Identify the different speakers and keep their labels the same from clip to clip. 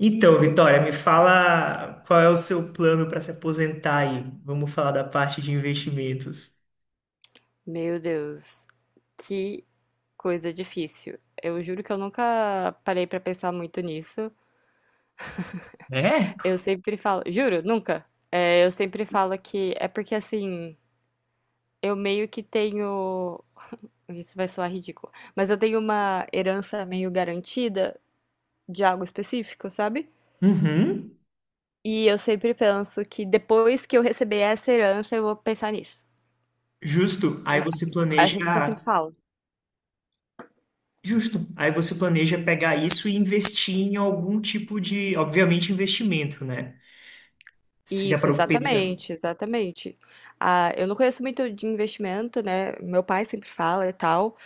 Speaker 1: Então, Vitória, me fala qual é o seu plano para se aposentar aí. Vamos falar da parte de investimentos.
Speaker 2: Meu Deus, que coisa difícil. Eu juro que eu nunca parei pra pensar muito nisso.
Speaker 1: É?
Speaker 2: Eu sempre falo, juro, nunca. É, eu sempre falo que é porque assim, eu meio que tenho. Isso vai soar ridículo, mas eu tenho uma herança meio garantida de algo específico, sabe?
Speaker 1: Uhum,
Speaker 2: E eu sempre penso que depois que eu receber essa herança, eu vou pensar nisso.
Speaker 1: justo. Aí você
Speaker 2: É é
Speaker 1: planeja,
Speaker 2: sempre que eu sempre falo.
Speaker 1: justo. Aí você planeja pegar isso e investir em algum tipo de, obviamente, investimento, né? Você já
Speaker 2: Isso,
Speaker 1: parou pra pensar?
Speaker 2: exatamente, exatamente. Ah, eu não conheço muito de investimento, né? Meu pai sempre fala e tal,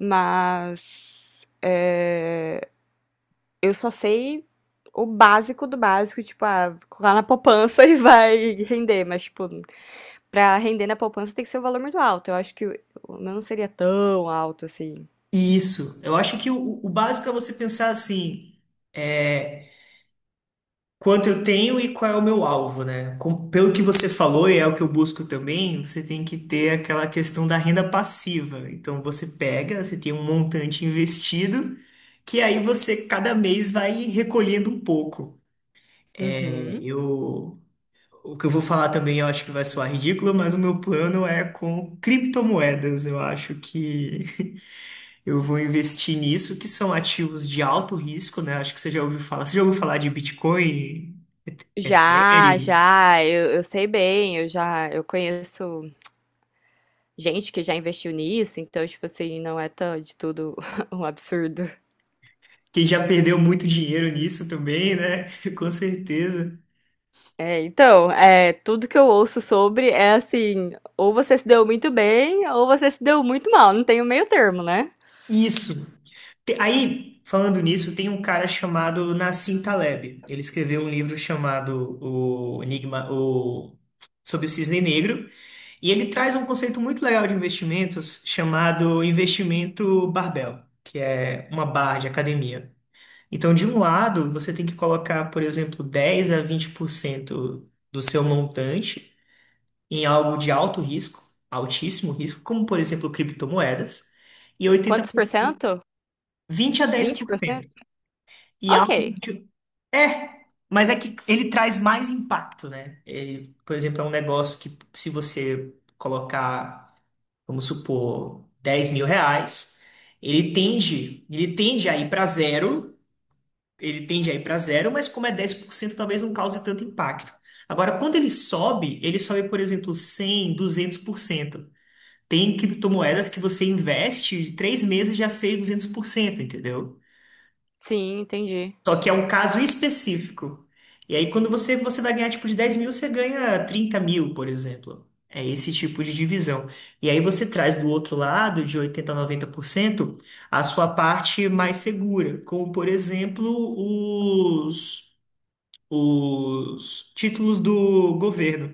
Speaker 2: mas é, eu só sei o básico do básico, tipo, ah, lá na poupança e vai render, mas, tipo, pra render na poupança tem que ser um valor muito alto. Eu acho que o meu não seria tão alto assim.
Speaker 1: Isso. Eu acho que o básico é você pensar assim. é, Quanto eu tenho e qual é o meu alvo, né? Com- pelo que você falou, e é o que eu busco também, você tem que ter aquela questão da renda passiva. Então você pega, você tem um montante investido, que aí você cada mês vai recolhendo um pouco. É,
Speaker 2: Uhum.
Speaker 1: Eu, o que eu vou falar também, eu acho que vai soar ridículo, mas o meu plano é com criptomoedas. Eu acho que eu vou investir nisso, que são ativos de alto risco, né? Acho que você já ouviu falar. Você já ouviu falar de Bitcoin?
Speaker 2: Já,
Speaker 1: Ethereum?
Speaker 2: já, eu sei bem, eu já, eu conheço gente que já investiu nisso, então, tipo assim, não é tão de tudo um absurdo.
Speaker 1: Quem já perdeu muito dinheiro nisso também, né? Com certeza.
Speaker 2: É, então, é, tudo que eu ouço sobre é assim, ou você se deu muito bem, ou você se deu muito mal, não tem o meio termo, né?
Speaker 1: Isso. Aí, falando nisso, tem um cara chamado Nassim Taleb. Ele escreveu um livro chamado O Enigma, o sobre o Cisne Negro, e ele traz um conceito muito legal de investimentos chamado investimento barbell, que é uma barra de academia. Então, de um lado, você tem que colocar, por exemplo, 10 a 20% do seu montante em algo de alto risco, altíssimo risco, como por exemplo criptomoedas, e
Speaker 2: Quantos por
Speaker 1: 80%,
Speaker 2: cento?
Speaker 1: 20 a dez
Speaker 2: Vinte
Speaker 1: por
Speaker 2: por
Speaker 1: cento.
Speaker 2: cento.
Speaker 1: E
Speaker 2: Ok.
Speaker 1: algo de... É, mas é que ele traz mais impacto, né? Ele, por exemplo, é um negócio que se você colocar, vamos supor, R$ 10.000, ele tende a ir para zero, ele tende a ir para zero, mas como é 10%, talvez não cause tanto impacto. Agora, quando ele sobe, por exemplo, 100, 200%. Tem criptomoedas que você investe de três meses já fez 200%, entendeu?
Speaker 2: Sim, entendi.
Speaker 1: Só que é um caso específico. E aí, quando você vai ganhar tipo de 10 mil, você ganha 30 mil, por exemplo. É esse tipo de divisão. E aí você traz do outro lado, de 80 a 90% a sua parte mais segura, como por exemplo os os títulos do governo,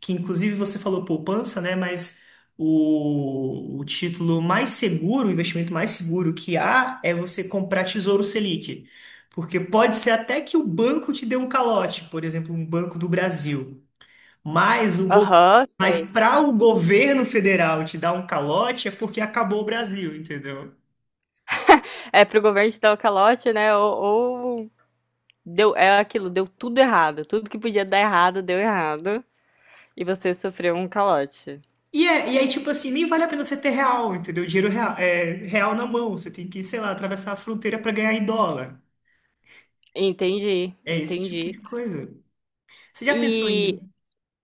Speaker 1: que inclusive você falou poupança, né? Mas o título mais seguro, o investimento mais seguro que há é você comprar Tesouro Selic. Porque pode ser até que o banco te dê um calote, por exemplo, um Banco do Brasil. Mas
Speaker 2: Aham,
Speaker 1: mas
Speaker 2: sei.
Speaker 1: para o governo federal te dar um calote é porque acabou o Brasil, entendeu?
Speaker 2: É pro governo te dar o calote, né? Ou deu, é aquilo, deu tudo errado. Tudo que podia dar errado, deu errado. E você sofreu um calote.
Speaker 1: E aí, tipo assim, nem vale a pena você ter real, entendeu? Dinheiro real, real na mão. Você tem que, sei lá, atravessar a fronteira pra ganhar em dólar.
Speaker 2: Entendi,
Speaker 1: É esse tipo
Speaker 2: entendi.
Speaker 1: de coisa. Você já pensou em.
Speaker 2: E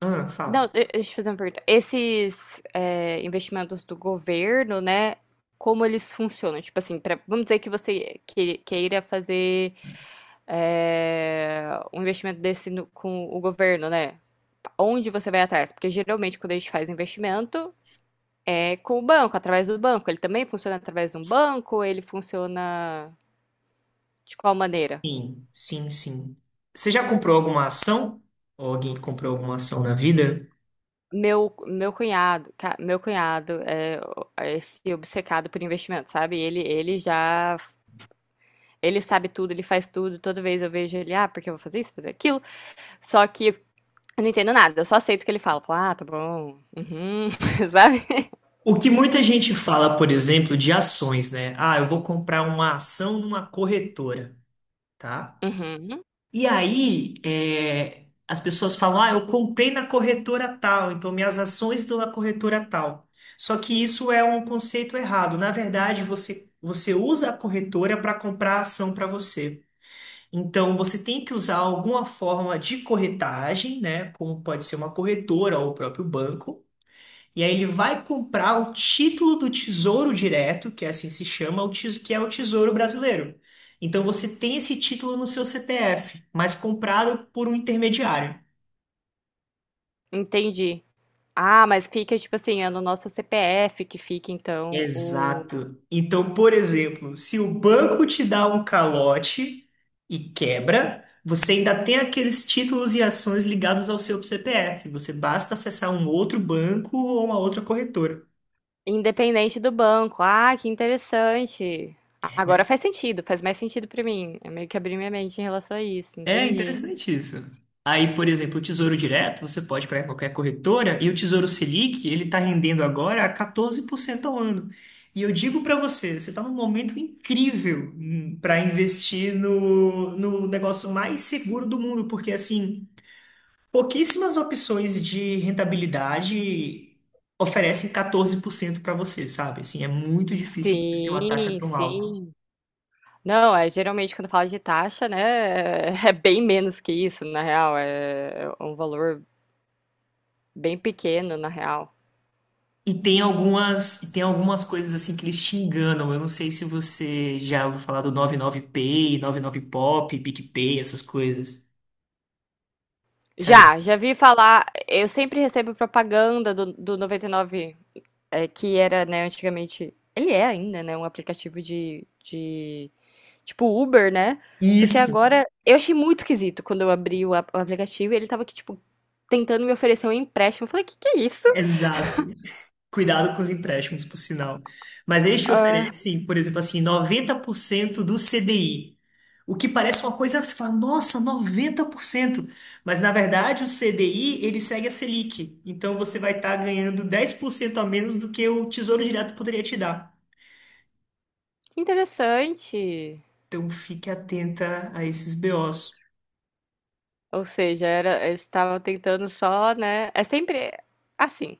Speaker 1: Ah,
Speaker 2: não,
Speaker 1: fala.
Speaker 2: deixa eu te fazer uma pergunta. Esses é, investimentos do governo, né? Como eles funcionam? Tipo assim, vamos dizer que você queira fazer é, um investimento desse com o governo, né? Onde você vai atrás? Porque geralmente quando a gente faz investimento é com o banco, através do banco. Ele também funciona através de um banco? Ele funciona de qual maneira?
Speaker 1: Sim, sim, sim. Você já comprou alguma ação? Ou alguém comprou alguma ação na vida?
Speaker 2: Meu cunhado, meu cunhado é, é esse obcecado por investimento, sabe? Ele já ele sabe tudo, ele faz tudo. Toda vez eu vejo ele, ah, porque eu vou fazer isso, fazer aquilo. Só que eu não entendo nada, eu só aceito o que ele fala. Falo, ah, tá bom. Uhum, sabe?
Speaker 1: O que muita gente fala, por exemplo, de ações, né? Ah, eu vou comprar uma ação numa corretora, tá?
Speaker 2: Uhum.
Speaker 1: E aí, as pessoas falam, ah, eu comprei na corretora tal, então minhas ações estão na corretora tal. Só que isso é um conceito errado. Na verdade, você usa a corretora para comprar a ação para você. Então, você tem que usar alguma forma de corretagem, né? Como pode ser uma corretora ou o próprio banco, e aí ele vai comprar o título do Tesouro Direto, que é assim se chama, que é o Tesouro Brasileiro. Então você tem esse título no seu CPF, mas comprado por um intermediário.
Speaker 2: Entendi. Ah, mas fica, tipo assim, é no nosso CPF que fica, então, o.
Speaker 1: Exato. Então, por exemplo, se o banco te dá um calote e quebra, você ainda tem aqueles títulos e ações ligados ao seu CPF. Você basta acessar um outro banco ou uma outra corretora.
Speaker 2: Independente do banco. Ah, que interessante. Agora faz sentido, faz mais sentido pra mim. Eu meio que abri minha mente em relação a isso,
Speaker 1: É
Speaker 2: entendi.
Speaker 1: interessante isso. Aí, por exemplo, o Tesouro Direto, você pode pegar qualquer corretora, e o Tesouro Selic ele está rendendo agora a 14% ao ano. E eu digo para você, você está num momento incrível para investir no negócio mais seguro do mundo, porque assim, pouquíssimas opções de rentabilidade oferecem 14% para você, sabe? Assim, é muito difícil você ter uma taxa
Speaker 2: Sim,
Speaker 1: tão alta.
Speaker 2: sim. Não, é geralmente quando fala de taxa, né, é é bem menos que isso, na real, é um valor bem pequeno, na real.
Speaker 1: E tem algumas coisas assim que eles te enganam. Eu não sei se você já ouviu falar do 99Pay, 99Pop, PicPay, essas coisas, sabe?
Speaker 2: Já, já vi falar, eu sempre recebo propaganda do 99, é, que era, né, antigamente, ele é ainda, né, um aplicativo tipo Uber, né, só que
Speaker 1: Isso,
Speaker 2: agora, eu achei muito esquisito quando eu abri o, o aplicativo e ele tava aqui, tipo, tentando me oferecer um empréstimo, eu falei, que é isso?
Speaker 1: exato. Cuidado com os empréstimos, por sinal. Mas eles te
Speaker 2: Ah,
Speaker 1: oferecem, por exemplo, assim, 90% do CDI. O que parece uma coisa, você fala, nossa, 90%. Mas na verdade o CDI, ele segue a Selic. Então você vai estar ganhando 10% a menos do que o Tesouro Direto poderia te dar.
Speaker 2: que interessante.
Speaker 1: Então fique atenta a esses BOs.
Speaker 2: Ou seja, era, eles estavam tentando só, né? É sempre assim.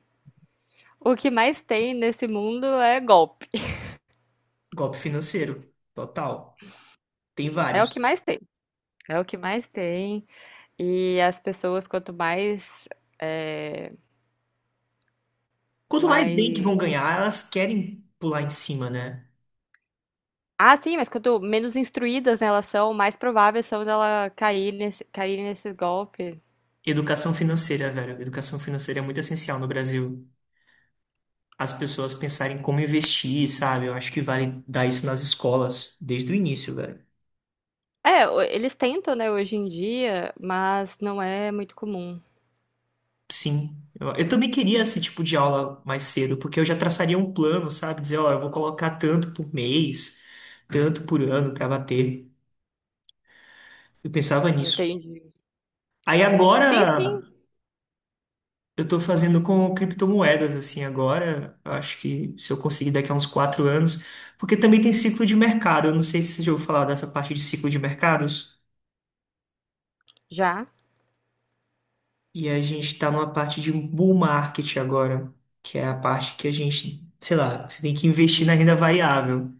Speaker 2: O que mais tem nesse mundo é golpe.
Speaker 1: Golpe financeiro, total. Tem
Speaker 2: É o que
Speaker 1: vários.
Speaker 2: mais tem. É o que mais tem. E as pessoas, quanto mais, é,
Speaker 1: Quanto mais bem que
Speaker 2: mais...
Speaker 1: vão ganhar, elas querem pular em cima, né?
Speaker 2: Ah, sim, mas quanto menos instruídas né, elas são, mais prováveis são dela cair nesse golpe.
Speaker 1: Educação financeira, velho. Educação financeira é muito essencial no Brasil. As pessoas pensarem como investir, sabe? Eu acho que vale dar isso nas escolas desde o início, velho.
Speaker 2: É, eles tentam, né, hoje em dia, mas não é muito comum.
Speaker 1: Sim. Eu também queria esse tipo de aula mais cedo, porque eu já traçaria um plano, sabe? Dizer, ó, eu vou colocar tanto por mês, tanto por ano pra bater. Eu pensava nisso.
Speaker 2: Entendi.
Speaker 1: Aí agora
Speaker 2: Sim, sim,
Speaker 1: eu tô fazendo com criptomoedas, assim, agora. Eu acho que se eu conseguir daqui a uns 4 anos, porque também tem ciclo de mercado. Eu não sei se você já ouviu falar dessa parte de ciclo de mercados.
Speaker 2: já.
Speaker 1: E a gente tá numa parte de um bull market agora, que é a parte que a gente, sei lá, você tem que investir na renda variável.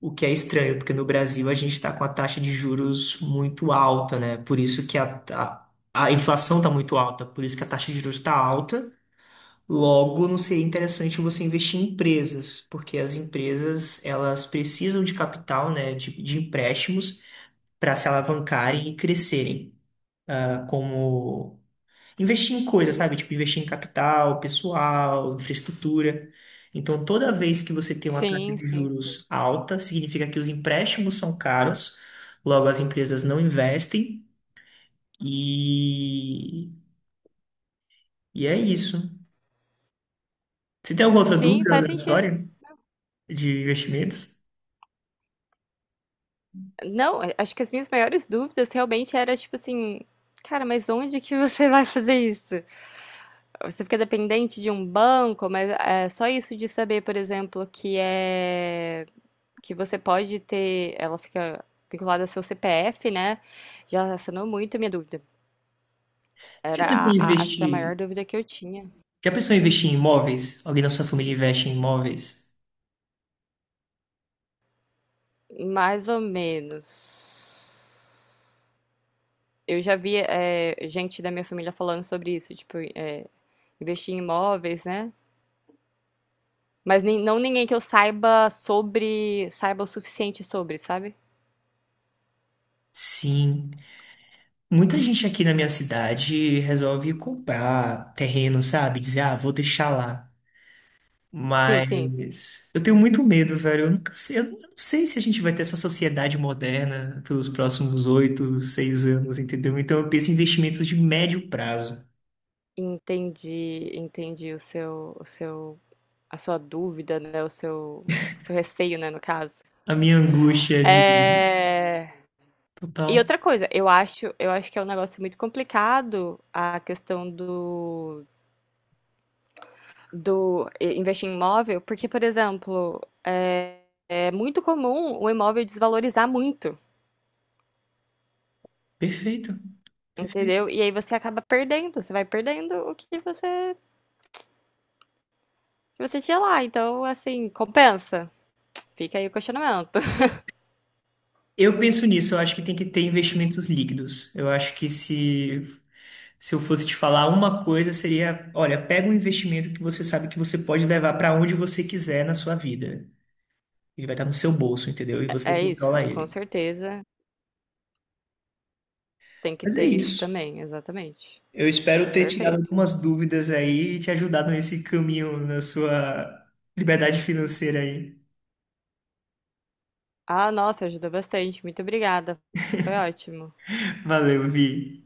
Speaker 1: O que é estranho, porque no Brasil a gente está com a taxa de juros muito alta, né? Por isso que a inflação está muito alta, por isso que a taxa de juros está alta. Logo, não seria interessante você investir em empresas, porque as empresas elas precisam de capital, né, de empréstimos para se alavancarem e crescerem. Ah, como investir em coisas, sabe? Tipo, investir em capital, pessoal, infraestrutura. Então, toda vez que você tem uma taxa
Speaker 2: Sim,
Speaker 1: de
Speaker 2: sim, sim.
Speaker 1: juros alta, significa que os empréstimos são caros, logo as empresas não investem e, e é isso. Você tem alguma outra
Speaker 2: Sim,
Speaker 1: dúvida
Speaker 2: faz sentido.
Speaker 1: aleatória de investimentos?
Speaker 2: Não, acho que as minhas maiores dúvidas realmente era tipo assim, cara, mas onde que você vai fazer isso? Você fica dependente de um banco, mas é só isso de saber, por exemplo, que é que você pode ter, ela fica vinculada ao seu CPF, né? Já sanou muito a minha dúvida.
Speaker 1: Você
Speaker 2: Era
Speaker 1: já pensou
Speaker 2: a,
Speaker 1: em
Speaker 2: acho que a
Speaker 1: investir?
Speaker 2: maior dúvida que eu tinha.
Speaker 1: Já pensou em investir em imóveis? Alguém da sua família investe em imóveis?
Speaker 2: Mais ou menos. Eu já vi é, gente da minha família falando sobre isso, tipo, é, investir em imóveis, né? Mas nem, não ninguém que eu saiba sobre, saiba o suficiente sobre, sabe?
Speaker 1: Sim. Muita gente aqui na minha cidade resolve comprar terreno, sabe? Dizer, ah, vou deixar lá.
Speaker 2: Sim, sim.
Speaker 1: Mas eu tenho muito medo, velho. Eu nunca sei, eu não sei se a gente vai ter essa sociedade moderna pelos próximos 8, 6 anos, entendeu? Então eu penso em investimentos de médio prazo.
Speaker 2: Entendi, entendi o seu, a sua dúvida, né? O seu receio, né, no caso.
Speaker 1: A minha angústia é de
Speaker 2: É... E
Speaker 1: total.
Speaker 2: outra coisa, eu acho que é um negócio muito complicado a questão do, do eh, investir em imóvel, porque, por exemplo, é, é muito comum o imóvel desvalorizar muito,
Speaker 1: Perfeito. Perfeito.
Speaker 2: entendeu? E aí você acaba perdendo, você vai perdendo o que você tinha lá. Então, assim, compensa. Fica aí o questionamento.
Speaker 1: Eu penso nisso, eu acho que tem que ter investimentos líquidos. Eu acho que se eu fosse te falar uma coisa, seria, olha, pega um investimento que você sabe que você pode levar para onde você quiser na sua vida. Ele vai estar no seu bolso, entendeu? E você
Speaker 2: É
Speaker 1: controla
Speaker 2: isso, com
Speaker 1: ele.
Speaker 2: certeza tem que
Speaker 1: Mas é
Speaker 2: ter isso
Speaker 1: isso.
Speaker 2: também, exatamente.
Speaker 1: Eu espero ter tirado
Speaker 2: Perfeito.
Speaker 1: algumas dúvidas aí e te ajudado nesse caminho na sua liberdade financeira aí.
Speaker 2: Ah, nossa, ajudou bastante. Muito obrigada. Foi ótimo.
Speaker 1: Valeu, Vi.